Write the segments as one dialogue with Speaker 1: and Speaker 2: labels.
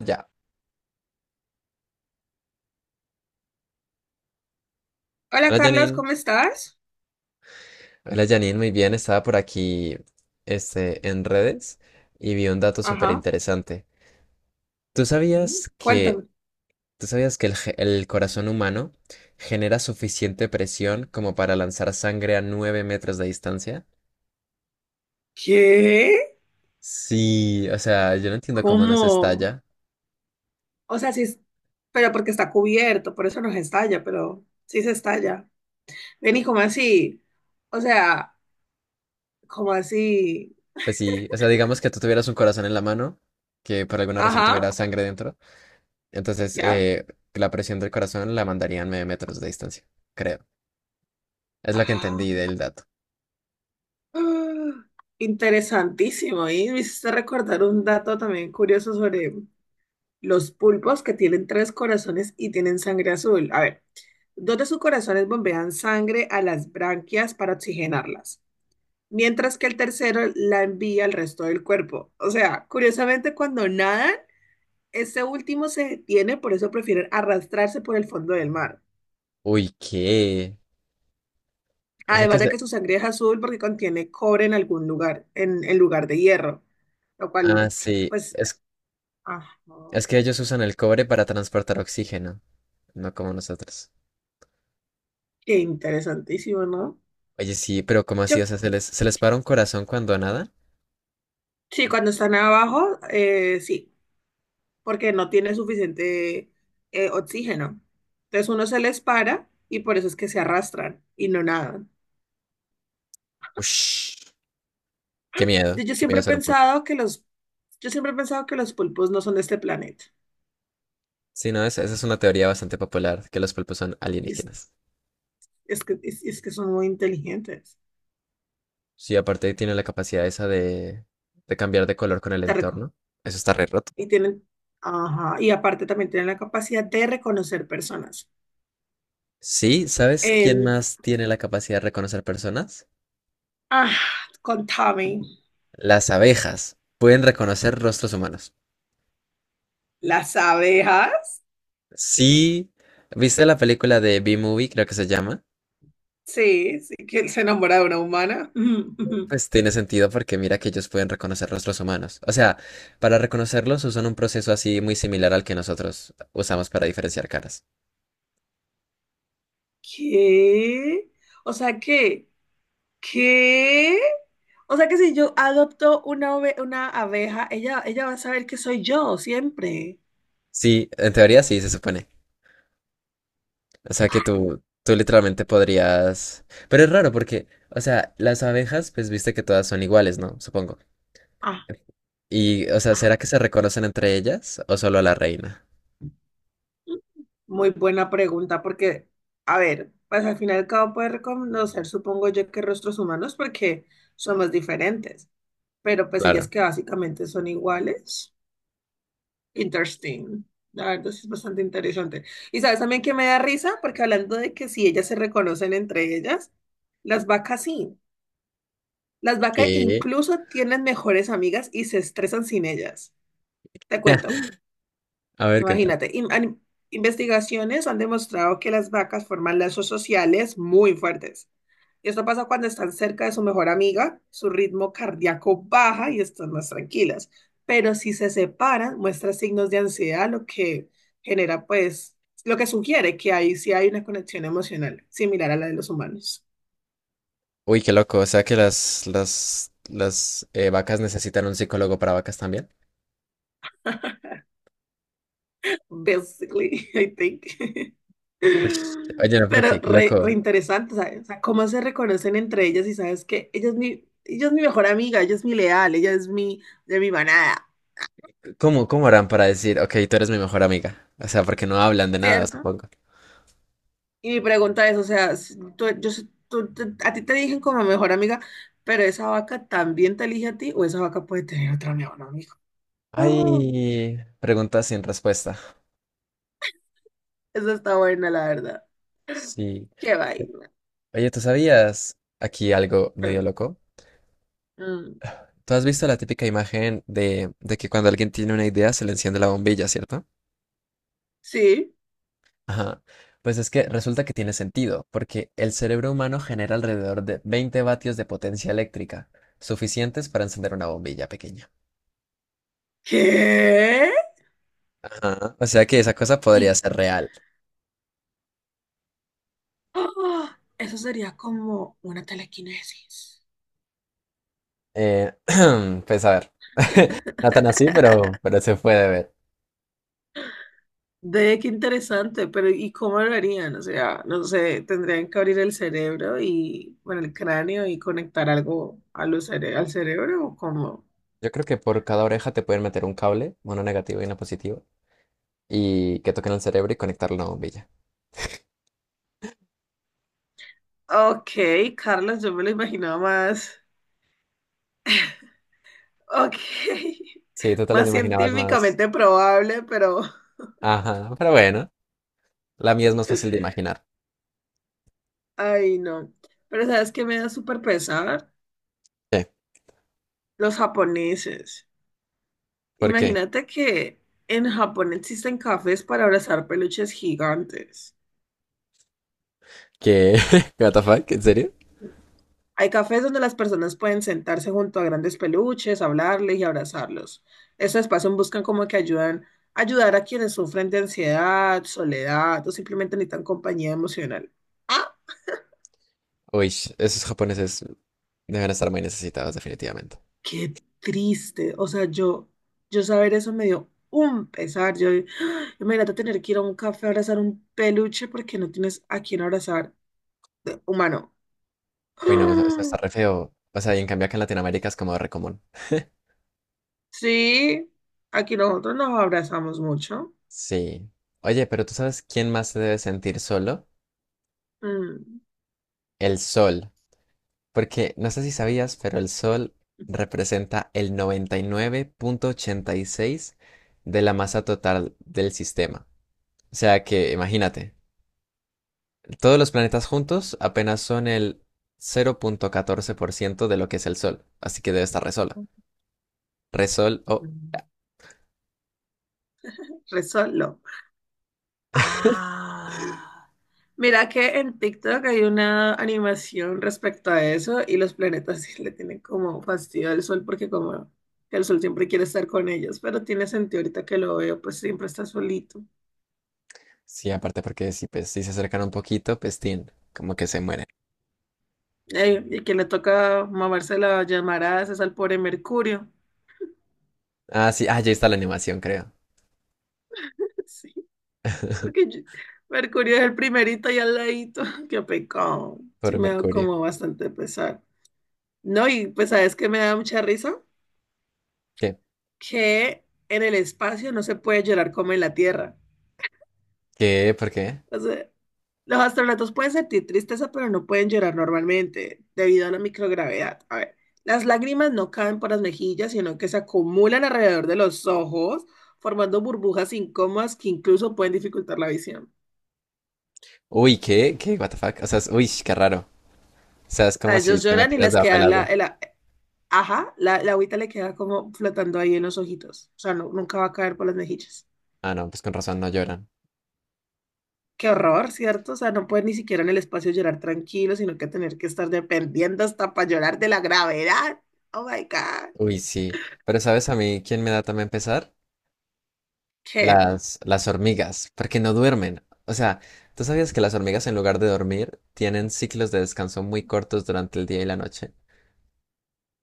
Speaker 1: Ya.
Speaker 2: Hola
Speaker 1: Hola
Speaker 2: Carlos,
Speaker 1: Janine.
Speaker 2: ¿cómo estás?
Speaker 1: Hola Janine, muy bien. Estaba por aquí este, en redes y vi un dato súper
Speaker 2: Ajá.
Speaker 1: interesante. ¿Tú
Speaker 2: Mm,
Speaker 1: sabías que,
Speaker 2: Cuéntame.
Speaker 1: tú sabías que el corazón humano genera suficiente presión como para lanzar sangre a 9 metros de distancia?
Speaker 2: ¿Qué?
Speaker 1: Sí, o sea, yo no entiendo cómo nos
Speaker 2: ¿Cómo?
Speaker 1: estalla.
Speaker 2: O sea, sí, pero porque está cubierto, por eso no se estalla, pero sí se estalla. Ven y ¿cómo así? O sea, ¿cómo así?
Speaker 1: Pues sí, o sea, digamos que tú tuvieras un corazón en la mano que por alguna razón
Speaker 2: Ajá,
Speaker 1: tuviera sangre dentro. Entonces,
Speaker 2: ya.
Speaker 1: la presión del corazón la mandarían 9 metros de distancia, creo. Es lo que
Speaker 2: Ah,
Speaker 1: entendí del dato.
Speaker 2: ah, interesantísimo. Y me hiciste recordar un dato también curioso sobre los pulpos que tienen tres corazones y tienen sangre azul. A ver. Dos de sus corazones bombean sangre a las branquias para oxigenarlas, mientras que el tercero la envía al resto del cuerpo. O sea, curiosamente, cuando nadan, este último se detiene, por eso prefieren arrastrarse por el fondo del mar.
Speaker 1: Uy, ¿qué? O sea que
Speaker 2: Además de
Speaker 1: se...
Speaker 2: que su sangre es azul porque contiene cobre en algún lugar, en lugar de hierro, lo
Speaker 1: Ah,
Speaker 2: cual,
Speaker 1: sí.
Speaker 2: pues, ajá,
Speaker 1: Es que ellos usan el cobre para transportar oxígeno, no como nosotros.
Speaker 2: qué interesantísimo, ¿no?
Speaker 1: Oye, sí, pero ¿cómo así? O
Speaker 2: Yo,
Speaker 1: sea, ¿se les para un corazón cuando nadan?
Speaker 2: sí, cuando están abajo, sí. Porque no tiene suficiente oxígeno. Entonces uno se les para y por eso es que se arrastran y no nadan.
Speaker 1: Ush,
Speaker 2: Yo, yo
Speaker 1: qué
Speaker 2: siempre
Speaker 1: miedo
Speaker 2: he
Speaker 1: ser un pulpo.
Speaker 2: pensado que los, yo siempre he pensado que los pulpos no son de este planeta.
Speaker 1: Sí, no, esa es una teoría bastante popular, que los pulpos son
Speaker 2: Es,
Speaker 1: alienígenas.
Speaker 2: es que son muy inteligentes.
Speaker 1: Sí, aparte tienen la capacidad esa de cambiar de color con el
Speaker 2: Te reco-
Speaker 1: entorno. Eso está re roto.
Speaker 2: Y tienen, ajá, y aparte también tienen la capacidad de reconocer personas.
Speaker 1: Sí, ¿sabes quién
Speaker 2: En,
Speaker 1: más tiene la capacidad de reconocer personas?
Speaker 2: ah, contame
Speaker 1: Las abejas. Pueden reconocer rostros humanos.
Speaker 2: las abejas.
Speaker 1: Sí, ¿viste la película de B-Movie, creo que se llama?
Speaker 2: Sí, sí, que él se enamora de una humana.
Speaker 1: Pues tiene sentido porque mira que ellos pueden reconocer rostros humanos. O sea, para reconocerlos usan un proceso así muy similar al que nosotros usamos para diferenciar caras.
Speaker 2: ¿Qué? O sea, ¿qué? ¿Qué? O sea que si yo adopto una abeja, ella va a saber que soy yo siempre.
Speaker 1: Sí, en teoría sí, se supone. O sea que tú literalmente podrías... Pero es raro porque, o sea, las abejas, pues viste que todas son iguales, ¿no? Supongo.
Speaker 2: Ah,
Speaker 1: Y, o sea, ¿será
Speaker 2: ajá.
Speaker 1: que se reconocen entre ellas o solo a la reina?
Speaker 2: Muy buena pregunta, porque, a ver, pues al final y al cabo puede reconocer, supongo yo, que rostros humanos porque somos diferentes, pero pues ellas
Speaker 1: Claro.
Speaker 2: que básicamente son iguales. Interesting. La verdad sí es bastante interesante. Y sabes también que me da risa, porque hablando de que si ellas se reconocen entre ellas, las vacas sí. Las vacas
Speaker 1: ¿Qué?
Speaker 2: incluso tienen mejores amigas y se estresan sin ellas. Te cuento,
Speaker 1: A ver, cuéntame.
Speaker 2: imagínate. Investigaciones han demostrado que las vacas forman lazos sociales muy fuertes. Esto pasa cuando están cerca de su mejor amiga, su ritmo cardíaco baja y están más tranquilas. Pero si se separan, muestra signos de ansiedad, lo que genera, pues, lo que sugiere que ahí sí hay una conexión emocional similar a la de los humanos.
Speaker 1: Uy, qué loco. O sea que las vacas necesitan un psicólogo para vacas también.
Speaker 2: Basically, I think.
Speaker 1: Uy, oye, no, pero
Speaker 2: Pero
Speaker 1: qué
Speaker 2: re
Speaker 1: loco.
Speaker 2: interesante, ¿sabes? O sea, cómo se reconocen entre ellas y sabes que ella es mi mejor amiga, ella es mi leal, ella es mi, de mi manada,
Speaker 1: ¿Cómo harán para decir, ok, tú eres mi mejor amiga? O sea, porque no hablan de nada,
Speaker 2: ¿cierto?
Speaker 1: supongo.
Speaker 2: Y mi pregunta es, o sea, si tú- yo, sé- tú- te- a ti te eligen como mejor amiga, pero esa vaca también te elige a ti o esa vaca puede tener otra mejor amiga.
Speaker 1: Ay, preguntas sin respuesta.
Speaker 2: Esa está buena, la verdad.
Speaker 1: Sí.
Speaker 2: Qué vaina.
Speaker 1: Oye, ¿tú sabías aquí algo medio loco?
Speaker 2: Mm,
Speaker 1: ¿Tú has visto la típica imagen de que cuando alguien tiene una idea se le enciende la bombilla, ¿cierto?
Speaker 2: sí.
Speaker 1: Ajá. Pues es que resulta que tiene sentido, porque el cerebro humano genera alrededor de 20 vatios de potencia eléctrica, suficientes para encender una bombilla pequeña.
Speaker 2: ¿Qué?
Speaker 1: Ajá. O sea que esa cosa podría
Speaker 2: Y
Speaker 1: ser real.
Speaker 2: eso sería como una telequinesis.
Speaker 1: Eh, pues a ver, no tan así, pero se puede ver.
Speaker 2: De qué interesante, pero ¿y cómo lo harían? O sea, no sé, tendrían que abrir el cerebro y, bueno, el cráneo y conectar algo a al cerebro o cómo.
Speaker 1: Yo creo que por cada oreja te pueden meter un cable, uno negativo y uno positivo, y que toquen el cerebro y conectarlo a una bombilla.
Speaker 2: Ok, Carlos, yo me lo imaginaba más. Ok,
Speaker 1: Sí, tú te las
Speaker 2: más
Speaker 1: imaginabas más.
Speaker 2: científicamente probable, pero...
Speaker 1: Ajá, pero bueno, la mía es más fácil de imaginar.
Speaker 2: Ay, no. Pero ¿sabes qué me da súper pesar?
Speaker 1: ¿Qué?
Speaker 2: Los japoneses.
Speaker 1: ¿Por qué?
Speaker 2: Imagínate que en Japón existen cafés para abrazar peluches gigantes.
Speaker 1: ¿Qué? ¿What the fuck? ¿En serio?
Speaker 2: Hay cafés donde las personas pueden sentarse junto a grandes peluches, hablarles y abrazarlos. Estos espacios buscan como que ayudar a quienes sufren de ansiedad, soledad o simplemente necesitan compañía emocional.
Speaker 1: Uy, esos japoneses deben estar muy necesitados, definitivamente.
Speaker 2: Qué triste. O sea, yo, saber eso me dio un pesar. Yo, ¡ah! Imagínate tener que ir a un café a abrazar un peluche porque no tienes a quién abrazar de humano.
Speaker 1: Uy, no, eso está
Speaker 2: ¡Ah!
Speaker 1: re feo. O sea, y en cambio acá en Latinoamérica es como re común.
Speaker 2: Sí, aquí nosotros nos abrazamos mucho.
Speaker 1: Sí. Oye, pero ¿tú sabes quién más se debe sentir solo?
Speaker 2: Mm,
Speaker 1: El sol. Porque no sé si sabías, pero el sol representa el 99.86 de la masa total del sistema. O sea que, imagínate, todos los planetas juntos apenas son el 0.14% de lo que es el sol. Así que debe estar re sola. Re sol.
Speaker 2: mm, Re solo. Ah, mira que en TikTok hay una animación respecto a eso y los planetas sí le tienen como fastidio al sol porque como que el sol siempre quiere estar con ellos, pero tiene sentido ahorita que lo veo, pues siempre está solito.
Speaker 1: Sí, aparte porque si, pues, si se acercan un poquito, pues tin, como que se mueren.
Speaker 2: Y que le toca mamarse la llamarada es al pobre Mercurio.
Speaker 1: Ah, sí, ah, ya está la animación, creo.
Speaker 2: Sí, porque Mercurio es el primerito y al ladito. Qué pecado. Sí
Speaker 1: Por
Speaker 2: me da
Speaker 1: Mercurio.
Speaker 2: como bastante pesar. No, y pues sabes que me da mucha risa
Speaker 1: ¿Qué?
Speaker 2: que en el espacio no se puede llorar como en la Tierra.
Speaker 1: ¿Qué? ¿Por qué?
Speaker 2: O sea, los astronautas pueden sentir tristeza, pero no pueden llorar normalmente debido a la microgravedad. A ver, las lágrimas no caen por las mejillas, sino que se acumulan alrededor de los ojos, formando burbujas incómodas que incluso pueden dificultar la visión.
Speaker 1: Uy, ¿qué? ¿Qué? ¿What the fuck? O sea, es- uy, qué raro. O sea, es
Speaker 2: O sea,
Speaker 1: como si
Speaker 2: ellos
Speaker 1: te
Speaker 2: lloran y
Speaker 1: metieras
Speaker 2: les
Speaker 1: debajo del
Speaker 2: queda
Speaker 1: agua.
Speaker 2: ajá, la agüita le queda como flotando ahí en los ojitos. O sea, nunca va a caer por las mejillas.
Speaker 1: Ah, no, pues con razón no lloran.
Speaker 2: Qué horror, ¿cierto? O sea, no pueden ni siquiera en el espacio llorar tranquilo, sino que tener que estar dependiendo hasta para llorar de la gravedad. Oh my God.
Speaker 1: Uy, sí. Pero ¿sabes a mí quién me da también pesar?
Speaker 2: ¿Qué?
Speaker 1: Las hormigas, porque no duermen. O sea, ¿tú sabías que las hormigas en lugar de dormir tienen ciclos de descanso muy cortos durante el día y la noche?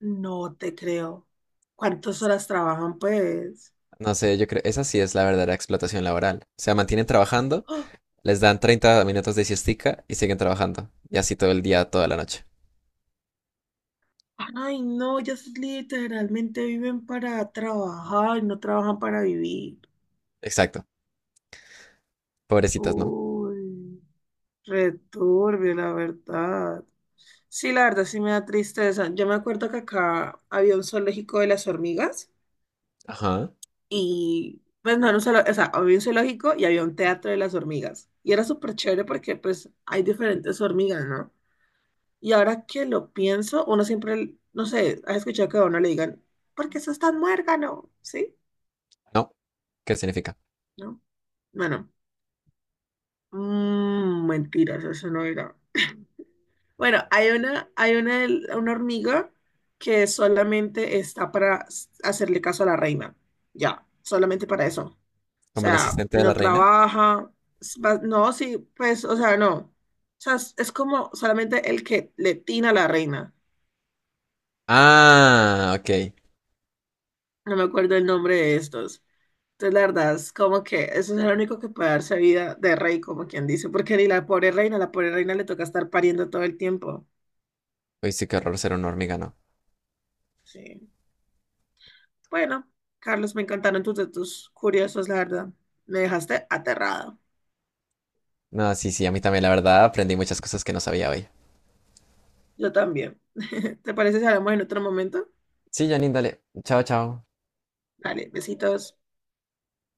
Speaker 2: No te creo. ¿Cuántas horas trabajan, pues?
Speaker 1: No sé, yo creo, esa sí es la verdadera explotación laboral. O sea, mantienen trabajando,
Speaker 2: ¡Oh!
Speaker 1: les dan 30 minutos de siestica y siguen trabajando. Y así todo el día, toda la noche.
Speaker 2: Ay, no, ellas literalmente viven para trabajar y no trabajan para vivir.
Speaker 1: Exacto. Pobrecitas, ¿no?
Speaker 2: Uy, returbio, la verdad. Sí, la verdad sí me da tristeza. Yo me acuerdo que acá había un zoológico de las hormigas.
Speaker 1: Ajá.
Speaker 2: Y pues no era un zoológico, o sea, había un zoológico y había un teatro de las hormigas. Y era súper chévere porque pues hay diferentes hormigas, ¿no? Y ahora que lo pienso, uno siempre, no sé, has escuchado que a uno le digan, ¿por qué sos tan muérgano? ¿Sí?
Speaker 1: No. ¿Qué significa?
Speaker 2: ¿No? Bueno, mentiras, eso no era. Bueno, hay una hormiga que solamente está para hacerle caso a la reina. Ya, solamente para eso. O
Speaker 1: ¿Como el
Speaker 2: sea,
Speaker 1: asistente de la
Speaker 2: no
Speaker 1: reina?
Speaker 2: trabaja, no, sí, pues, o sea, no. O sea, es como solamente el que le tina a la reina.
Speaker 1: Ah, ok.
Speaker 2: No me acuerdo el nombre de estos. Entonces, la verdad, es como que eso es el único que puede darse vida de rey, como quien dice, porque ni la pobre reina, la pobre reina le toca estar pariendo todo el tiempo.
Speaker 1: Uy, sí, qué horror ser un hormiga, ¿no?
Speaker 2: Sí. Bueno, Carlos, me encantaron tus datos curiosos, la verdad. Me dejaste aterrada.
Speaker 1: No, sí, sí, a mí también, la verdad, aprendí muchas cosas que no sabía hoy.
Speaker 2: Yo también. ¿Te parece si hablamos en otro momento?
Speaker 1: Sí, Janine, dale. Chao, chao.
Speaker 2: Dale, besitos.